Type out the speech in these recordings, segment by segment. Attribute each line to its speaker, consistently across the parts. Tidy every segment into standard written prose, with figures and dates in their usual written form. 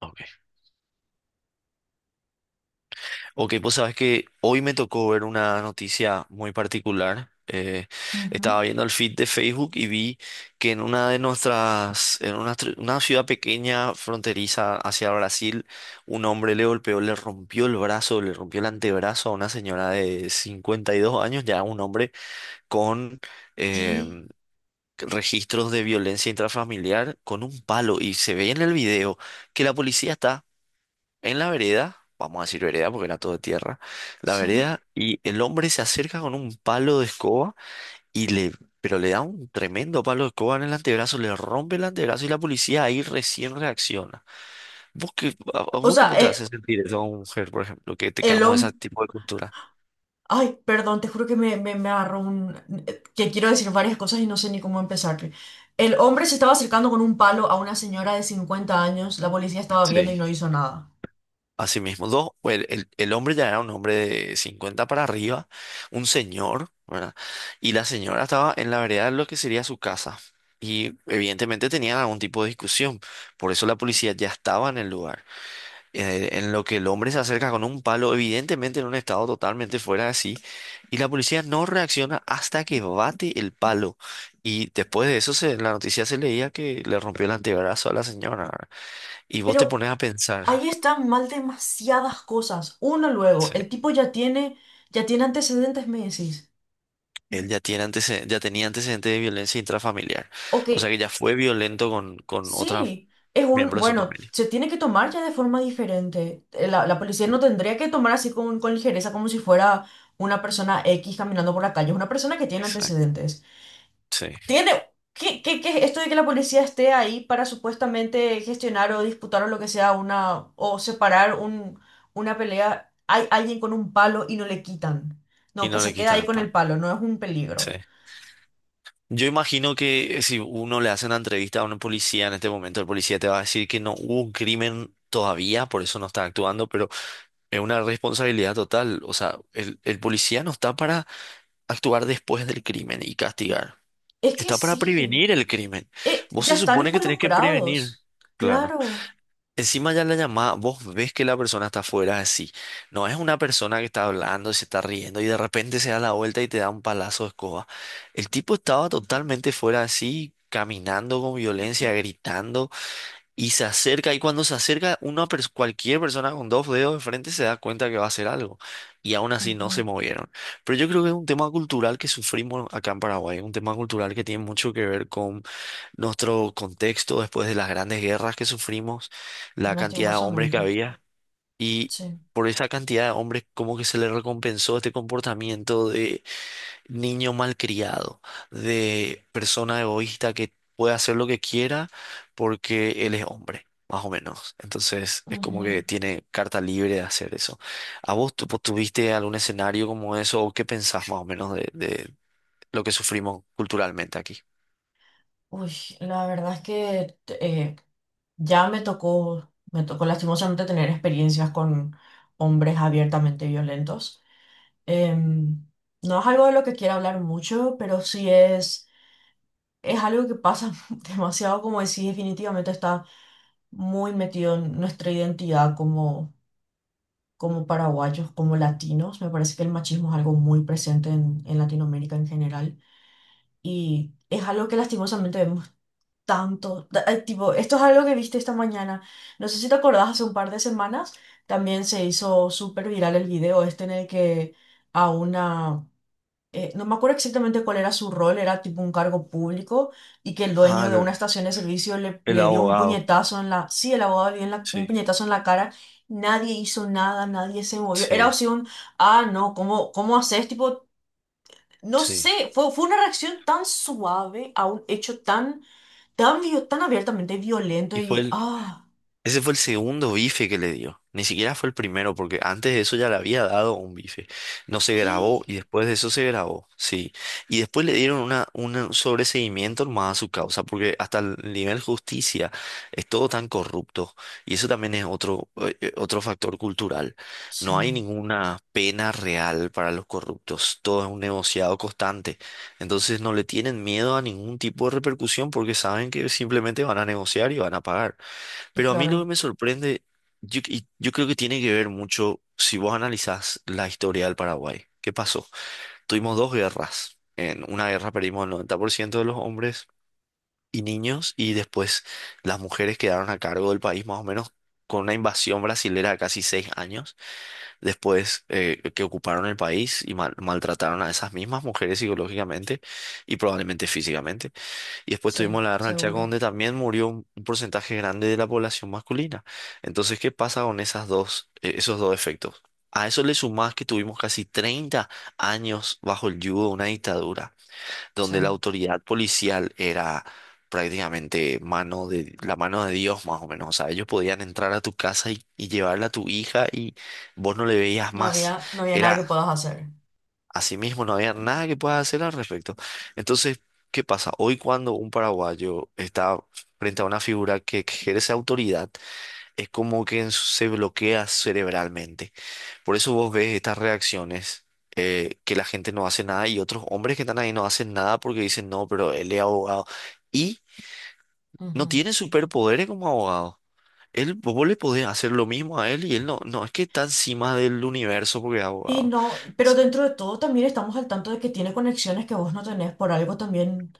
Speaker 1: Ok, Ok, pues sabes que hoy me tocó ver una noticia muy particular. Estaba
Speaker 2: Ujú.
Speaker 1: viendo el feed de Facebook y vi que en una de nuestras, en una, tr- una ciudad pequeña fronteriza hacia Brasil, un hombre le golpeó, le rompió el brazo, le rompió el antebrazo a una señora de 52 años, ya un hombre con em, registros de violencia intrafamiliar con un palo. Y se ve en el video que la policía está en la vereda, vamos a decir vereda porque era todo de tierra, la
Speaker 2: Sí.
Speaker 1: vereda, y el hombre se acerca con un palo de escoba y le, pero le da un tremendo palo de escoba en el antebrazo, le rompe el antebrazo y la policía ahí recién reacciona. ¿Vos qué, a
Speaker 2: O
Speaker 1: vos
Speaker 2: sea,
Speaker 1: cómo te hace sentir eso a una mujer, por ejemplo, que te
Speaker 2: el
Speaker 1: quedamos ese
Speaker 2: hombre...
Speaker 1: tipo de cultura?
Speaker 2: Ay, perdón, te juro que me agarró un... que quiero decir varias cosas y no sé ni cómo empezar. El hombre se estaba acercando con un palo a una señora de 50 años, la policía estaba viendo y
Speaker 1: Sí.
Speaker 2: no hizo nada.
Speaker 1: Así mismo, dos, pues, el hombre ya era un hombre de 50 para arriba, un señor, ¿verdad? Y la señora estaba en la vereda de lo que sería su casa. Y evidentemente tenían algún tipo de discusión. Por eso la policía ya estaba en el lugar. En lo que el hombre se acerca con un palo, evidentemente en un estado totalmente fuera de sí. Y la policía no reacciona hasta que bate el palo. Y después de eso, se, en la noticia se leía que le rompió el antebrazo a la señora, ¿verdad? Y vos te
Speaker 2: Pero
Speaker 1: pones a pensar.
Speaker 2: ahí están mal demasiadas cosas. Uno luego,
Speaker 1: Sí.
Speaker 2: el tipo ya tiene antecedentes, me decís.
Speaker 1: Él ya tiene antecedentes, ya tenía antecedentes de violencia intrafamiliar.
Speaker 2: Ok.
Speaker 1: O sea que ya fue violento con otros
Speaker 2: Sí, es un,
Speaker 1: miembros de su
Speaker 2: bueno,
Speaker 1: familia.
Speaker 2: se tiene que tomar ya de forma diferente. La policía no tendría que tomar así con ligereza como si fuera una persona X caminando por la calle, es una persona que tiene
Speaker 1: Exacto.
Speaker 2: antecedentes.
Speaker 1: Sí.
Speaker 2: Tiene, ¿qué es esto de que la policía esté ahí para supuestamente gestionar o disputar o lo que sea o separar una pelea? Hay alguien con un palo y no le quitan.
Speaker 1: Y
Speaker 2: No, que
Speaker 1: no le
Speaker 2: se queda
Speaker 1: quitan
Speaker 2: ahí
Speaker 1: el
Speaker 2: con el
Speaker 1: pan.
Speaker 2: palo, no es un
Speaker 1: Sí.
Speaker 2: peligro.
Speaker 1: Yo imagino que si uno le hace una entrevista a un policía en este momento, el policía te va a decir que no hubo un crimen todavía, por eso no está actuando, pero es una responsabilidad total. O sea, el policía no está para actuar después del crimen y castigar.
Speaker 2: Es que
Speaker 1: Está para
Speaker 2: sí,
Speaker 1: prevenir el crimen. Vos
Speaker 2: ya
Speaker 1: se
Speaker 2: están
Speaker 1: supone que tenés que prevenir.
Speaker 2: involucrados,
Speaker 1: Claro.
Speaker 2: claro.
Speaker 1: Encima ya la llamada, vos ves que la persona está afuera así. No es una persona que está hablando, y se está riendo y de repente se da la vuelta y te da un palazo de escoba. El tipo estaba totalmente fuera así, caminando con violencia, gritando y se acerca. Y cuando se acerca, cualquier persona con dos dedos de frente se da cuenta que va a hacer algo. Y aún así no se
Speaker 2: Ujú.
Speaker 1: movieron. Pero yo creo que es un tema cultural que sufrimos acá en Paraguay, un tema cultural que tiene mucho que ver nuestro contexto después de las grandes guerras que sufrimos, la cantidad de hombres que
Speaker 2: Lastimosamente,
Speaker 1: había y
Speaker 2: sí.
Speaker 1: por esa cantidad de hombres como que se le recompensó este comportamiento de niño malcriado, de persona egoísta que puede hacer lo que quiera porque él es hombre. Más o menos. Entonces es como que
Speaker 2: Ujú.
Speaker 1: tiene carta libre de hacer eso. ¿A vos vos tuviste algún escenario como eso o qué pensás más o menos de lo que sufrimos culturalmente aquí?
Speaker 2: Uy, la verdad es que me tocó lastimosamente tener experiencias con hombres abiertamente violentos. Em, no es algo de lo que quiera hablar mucho, pero es algo que pasa demasiado, como decís, definitivamente está muy metido en nuestra identidad como, como paraguayos, como latinos. Me parece que el machismo es algo muy presente en Latinoamérica en general. Y es algo que lastimosamente vemos tanto. Tipo, esto es algo que viste esta mañana. No sé si te acordás, hace un par de semanas también se hizo súper viral el video este en el que a una... no me acuerdo exactamente cuál era su rol, era tipo un cargo público y que el
Speaker 1: Ah,
Speaker 2: dueño de una
Speaker 1: el
Speaker 2: estación de servicio
Speaker 1: el
Speaker 2: le dio un
Speaker 1: abogado.
Speaker 2: puñetazo en la... Sí, el abogado le dio un
Speaker 1: Sí.
Speaker 2: puñetazo en la cara. Nadie hizo nada, nadie se movió. Era
Speaker 1: Sí,
Speaker 2: así un... Ah, no, ¿cómo haces? Tipo, no
Speaker 1: sí.
Speaker 2: sé, fue una reacción tan suave a un hecho tan, tan abiertamente violento
Speaker 1: Y fue
Speaker 2: y,
Speaker 1: el,
Speaker 2: ah,
Speaker 1: Ese fue el segundo bife que le dio. Ni siquiera fue el primero, porque antes de eso ya le había dado un bife. No se
Speaker 2: ¿qué?
Speaker 1: grabó y después de eso se grabó, sí. Y después le dieron una, un sobreseguimiento más a su causa, porque hasta el nivel justicia es todo tan corrupto. Y eso también es otro factor cultural. No hay
Speaker 2: Sí,
Speaker 1: ninguna pena real para los corruptos. Todo es un negociado constante. Entonces no le tienen miedo a ningún tipo de repercusión porque saben que simplemente van a negociar y van a pagar.
Speaker 2: y
Speaker 1: Pero a mí lo que
Speaker 2: claro,
Speaker 1: me sorprende, y yo creo que tiene que ver mucho si vos analizás la historia del Paraguay. ¿Qué pasó? Tuvimos dos guerras. En una guerra perdimos el 90% de los hombres y niños y después las mujeres quedaron a cargo del país más o menos con una invasión brasilera de casi 6 años. Después que ocuparon el país y maltrataron a esas mismas mujeres psicológicamente y probablemente físicamente. Y después
Speaker 2: sí,
Speaker 1: tuvimos la guerra del Chaco,
Speaker 2: seguro,
Speaker 1: donde también murió un porcentaje grande de la población masculina. Entonces, ¿qué pasa con esos dos efectos? A eso le sumás que tuvimos casi 30 años bajo el yugo de una dictadura,
Speaker 2: sí.
Speaker 1: donde la autoridad policial era prácticamente la mano de Dios, más o menos. O sea, ellos podían entrar a tu casa y llevarle a tu hija y vos no le veías más.
Speaker 2: No había nada
Speaker 1: Era
Speaker 2: que puedas hacer.
Speaker 1: Asimismo, no había nada que pueda hacer al respecto. Entonces, ¿qué pasa? Hoy cuando un paraguayo está frente a una figura que ejerce autoridad, es como que se bloquea cerebralmente. Por eso vos ves estas reacciones, que la gente no hace nada y otros hombres que están ahí no hacen nada porque dicen, no, pero él es abogado. Y no
Speaker 2: Ujú.
Speaker 1: tiene superpoderes como abogado. Él, vos le podés hacer lo mismo a él y él no, no es que está encima del universo porque es
Speaker 2: Y
Speaker 1: abogado.
Speaker 2: no, pero dentro de todo también estamos al tanto de que tiene conexiones que vos no tenés por algo también.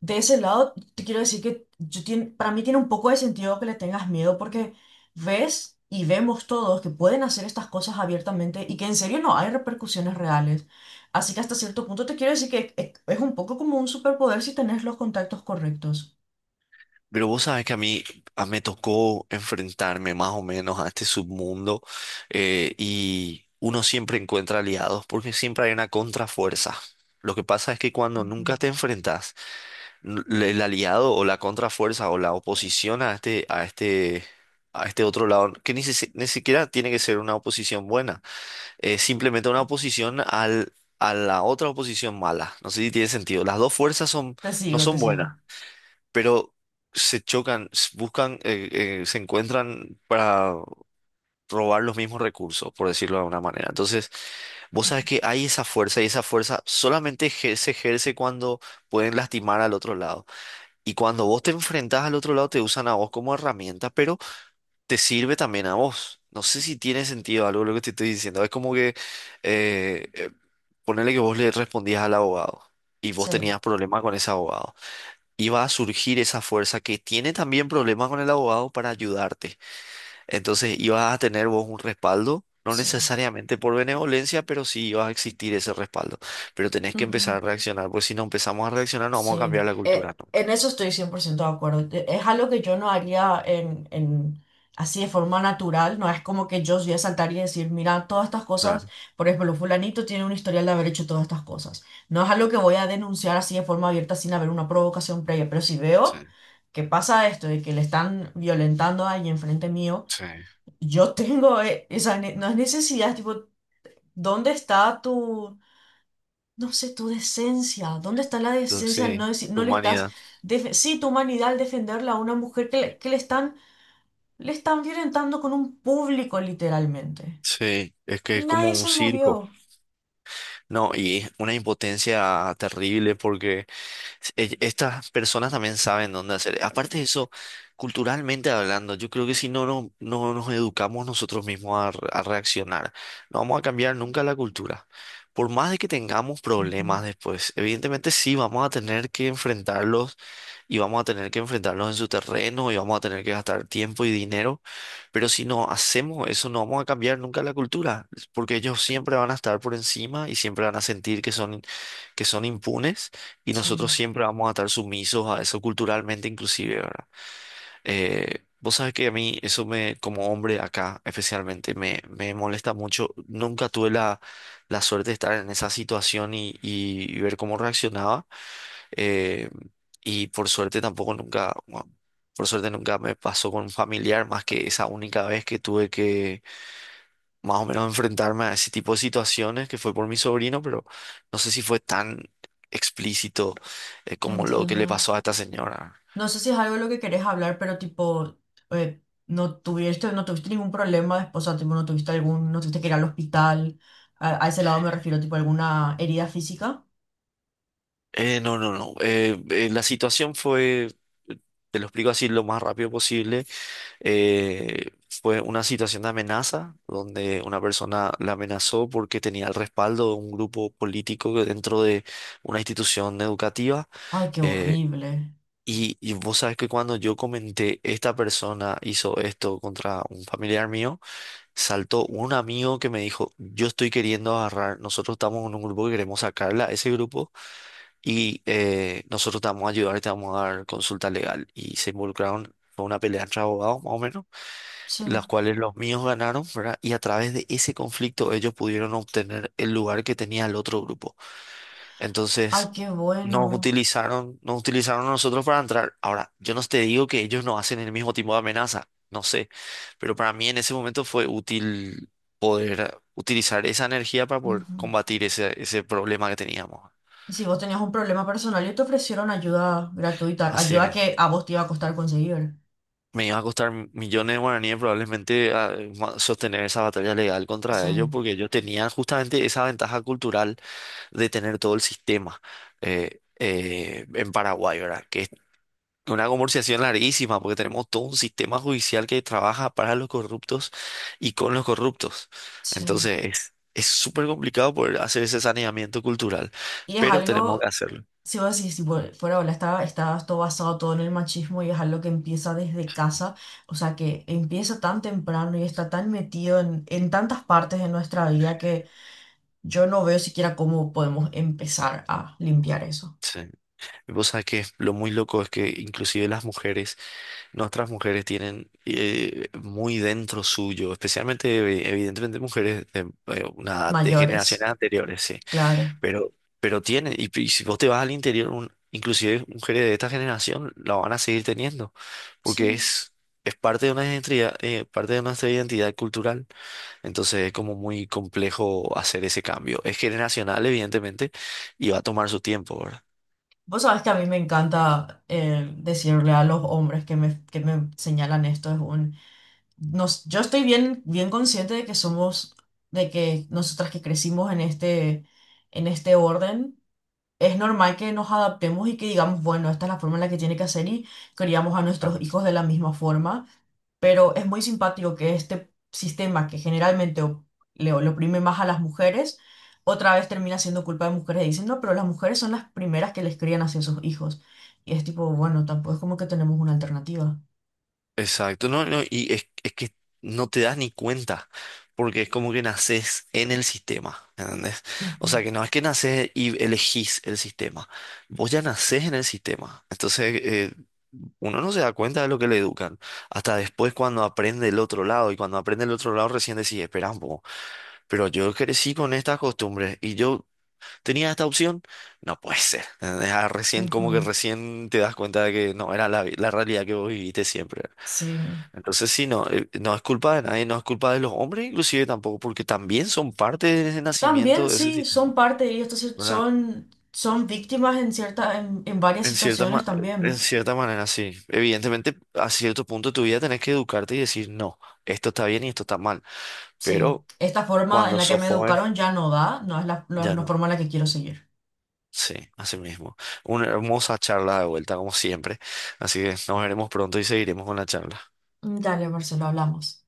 Speaker 2: De ese lado, te quiero decir que para mí tiene un poco de sentido que le tengas miedo porque ves y vemos todos que pueden hacer estas cosas abiertamente y que en serio no hay repercusiones reales. Así que hasta cierto punto te quiero decir que es un poco como un superpoder si tenés los contactos correctos.
Speaker 1: Pero vos sabes que a mí me tocó enfrentarme más o menos a este submundo y uno siempre encuentra aliados porque siempre hay una contrafuerza. Lo que pasa es que cuando
Speaker 2: Ujú.
Speaker 1: nunca te enfrentas, el aliado o la contrafuerza o la oposición a este, a este, a este otro lado, que ni, ni siquiera tiene que ser una oposición buena, es simplemente una oposición a la otra oposición mala. No sé si tiene sentido. Las dos fuerzas son,
Speaker 2: Te
Speaker 1: no
Speaker 2: sigo, te
Speaker 1: son buenas
Speaker 2: sigo.
Speaker 1: pero se chocan, se encuentran para robar los mismos recursos, por decirlo de alguna manera. Entonces, vos sabés que hay esa fuerza y esa fuerza solamente se ejerce cuando pueden lastimar al otro lado. Y cuando vos te enfrentás al otro lado, te usan a vos como herramienta, pero te sirve también a vos. No sé si tiene sentido algo lo que te estoy diciendo. Es como que eh, eh, ponele que vos le respondías al abogado y vos
Speaker 2: Sí,
Speaker 1: tenías problemas con ese abogado iba a surgir esa fuerza que tiene también problemas con el abogado para ayudarte. Entonces ibas a tener vos un respaldo, no
Speaker 2: sí.
Speaker 1: necesariamente por benevolencia, pero sí iba a existir ese respaldo. Pero tenés que empezar
Speaker 2: Ujú.
Speaker 1: a reaccionar, porque si no empezamos a reaccionar no vamos a
Speaker 2: Sí,
Speaker 1: cambiar la cultura nunca.
Speaker 2: en eso estoy 100% de acuerdo. Es algo que yo no haría así de forma natural, no es como que yo voy a saltar y decir, mira, todas estas cosas,
Speaker 1: Claro.
Speaker 2: por ejemplo, fulanito tiene un historial de haber hecho todas estas cosas. No es algo que voy a denunciar así de forma abierta sin haber una provocación previa, pero si
Speaker 1: Sí,
Speaker 2: veo que pasa esto de que le están violentando ahí enfrente mío,
Speaker 1: sí.
Speaker 2: yo tengo no es necesidad, tipo, ¿dónde está tu... No sé tu decencia. ¿Dónde está la
Speaker 1: Entonces,
Speaker 2: decencia al no
Speaker 1: sí,
Speaker 2: decir,
Speaker 1: tu
Speaker 2: no le estás,
Speaker 1: humanidad.
Speaker 2: def- sí, tu humanidad al defenderla a una mujer que le están violentando con un público, literalmente?
Speaker 1: Sí, es que
Speaker 2: Y
Speaker 1: es como
Speaker 2: nadie
Speaker 1: un
Speaker 2: se
Speaker 1: circo.
Speaker 2: movió.
Speaker 1: No, y es una impotencia terrible porque. Sí, estas personas también saben dónde hacer. Aparte de eso, culturalmente hablando, yo creo que si no, no, no nos educamos nosotros mismos a reaccionar, no vamos a cambiar nunca la cultura. Por más de que tengamos
Speaker 2: Ujú.
Speaker 1: problemas después, evidentemente sí vamos a tener que enfrentarlos y vamos a tener que enfrentarlos en su terreno y vamos a tener que gastar tiempo y dinero, pero si no hacemos eso, no vamos a cambiar nunca la cultura, porque ellos siempre van a estar por encima y siempre van a sentir que son impunes y
Speaker 2: Sí,
Speaker 1: nosotros siempre vamos a estar sumisos a eso culturalmente inclusive, ¿verdad? Vos sabes que a mí eso me, como hombre acá especialmente, me molesta mucho. Nunca tuve la suerte de estar en esa situación y ver cómo reaccionaba. Eh, y por suerte tampoco nunca, bueno, por suerte nunca me pasó con un familiar más que esa única vez que tuve que más o menos enfrentarme a ese tipo de situaciones que fue por mi sobrino, pero no sé si fue tan explícito como lo que le
Speaker 2: entiendo.
Speaker 1: pasó a esta señora.
Speaker 2: No sé si es algo de lo que querés hablar, pero tipo, eh, no tuviste ningún problema después, o sea, tipo, no tuviste que ir al hospital. A ese lado me refiero, tipo, alguna herida física.
Speaker 1: No, no, no. La situación fue, te lo explico así lo más rápido posible, eh, fue una situación de amenaza donde una persona la amenazó porque tenía el respaldo de un grupo político que dentro de una institución educativa.
Speaker 2: Ay, qué
Speaker 1: eh,
Speaker 2: horrible.
Speaker 1: y vos sabes que cuando yo comenté, esta persona hizo esto contra un familiar mío, saltó un amigo que me dijo, yo estoy queriendo agarrar, nosotros estamos en un grupo que queremos sacarla, a ese grupo, y nosotros te vamos a ayudar y te vamos a dar consulta legal. Y se involucraron, fue una pelea entre abogados más o menos,
Speaker 2: Sí.
Speaker 1: las cuales los míos ganaron, ¿verdad? Y a través de ese conflicto ellos pudieron obtener el lugar que tenía el otro grupo.
Speaker 2: Ay,
Speaker 1: Entonces,
Speaker 2: qué bueno.
Speaker 1: nos utilizaron a nosotros para entrar. Ahora, yo no te digo que ellos no hacen el mismo tipo de amenaza, no sé, pero para mí en ese momento fue útil poder utilizar esa energía para poder
Speaker 2: Ujú.
Speaker 1: combatir ese problema que teníamos.
Speaker 2: Y si vos tenías un problema personal y te ofrecieron ayuda gratuita,
Speaker 1: Así
Speaker 2: ayuda
Speaker 1: mismo.
Speaker 2: que a vos te iba a costar conseguir.
Speaker 1: Me iba a costar millones de guaraníes probablemente sostener esa batalla legal
Speaker 2: Sí,
Speaker 1: contra ellos porque ellos tenían justamente esa ventaja cultural de tener todo el sistema en Paraguay, ¿verdad? Que es una conversación larguísima, porque tenemos todo un sistema judicial que trabaja para los corruptos y con los corruptos.
Speaker 2: sí.
Speaker 1: Entonces, es súper complicado poder hacer ese saneamiento cultural,
Speaker 2: Y es
Speaker 1: pero tenemos que
Speaker 2: algo,
Speaker 1: hacerlo.
Speaker 2: si vos decís, tipo, fuera, hola, está todo basado todo en el machismo y es algo que empieza desde casa, o sea, que empieza tan temprano y está tan metido en tantas partes de nuestra vida que yo no veo siquiera cómo podemos empezar a limpiar eso.
Speaker 1: Sí. Y vos sabés que lo muy loco es que inclusive las mujeres, nuestras mujeres tienen muy dentro suyo, especialmente evidentemente mujeres de una de generaciones
Speaker 2: Mayores,
Speaker 1: anteriores, sí.
Speaker 2: claro.
Speaker 1: Pero, pero tiene, y si vos te vas al interior, inclusive mujeres de esta generación la van a seguir teniendo, porque
Speaker 2: Sí.
Speaker 1: es parte de una identidad, parte de nuestra identidad cultural. Entonces es como muy complejo hacer ese cambio. Es generacional, evidentemente, y va a tomar su tiempo, ¿verdad?
Speaker 2: Vos sabés que a mí me encanta decirle a los hombres que me señalan esto. Es un, nos, yo estoy bien, bien consciente de que somos, de que nosotras que crecimos en este orden. Es normal que nos adaptemos y que digamos, bueno, esta es la forma en la que tiene que hacer y criamos a nuestros hijos de la misma forma, pero es muy simpático que este sistema que le oprime más a las mujeres, otra vez termina siendo culpa de mujeres y dicen, no, pero las mujeres son las primeras que les crían hacia sus hijos. Y es tipo, bueno, tampoco es como que tenemos una alternativa.
Speaker 1: Exacto, no, no, y es que no te das ni cuenta, porque es como que naces en el sistema, ¿entendés? O
Speaker 2: Ujú,
Speaker 1: sea, que no es que naces y elegís el sistema, vos ya nacés en el sistema, entonces uno no se da cuenta de lo que le educan, hasta después cuando aprende el otro lado, y cuando aprende el otro lado recién decís, espera un poco, pero yo crecí con estas costumbres y yo tenía esta opción, no puede ser, ¿entendés? Ah, recién como que
Speaker 2: ujú,
Speaker 1: recién te das cuenta de que no era la realidad que vos viviste siempre.
Speaker 2: sí.
Speaker 1: Entonces sí, no, no es culpa de nadie, no es culpa de los hombres inclusive tampoco, porque también son parte de ese
Speaker 2: También
Speaker 1: nacimiento de ese
Speaker 2: sí, son
Speaker 1: sistema,
Speaker 2: parte y estos
Speaker 1: ¿verdad?
Speaker 2: son, son víctimas en cierta, en varias
Speaker 1: En cierta
Speaker 2: situaciones
Speaker 1: ma- en
Speaker 2: también.
Speaker 1: cierta manera, sí. Evidentemente, a cierto punto de tu vida tenés que educarte y decir, no, esto está bien y esto está mal.
Speaker 2: Sí,
Speaker 1: Pero
Speaker 2: esta forma en
Speaker 1: cuando
Speaker 2: la que
Speaker 1: sos
Speaker 2: me
Speaker 1: joven,
Speaker 2: educaron ya no da,
Speaker 1: ya
Speaker 2: no es
Speaker 1: no.
Speaker 2: forma en la que quiero seguir.
Speaker 1: Sí, así mismo. Una hermosa charla de vuelta, como siempre. Así que nos veremos pronto y seguiremos con la charla.
Speaker 2: Dale, Marcelo, hablamos.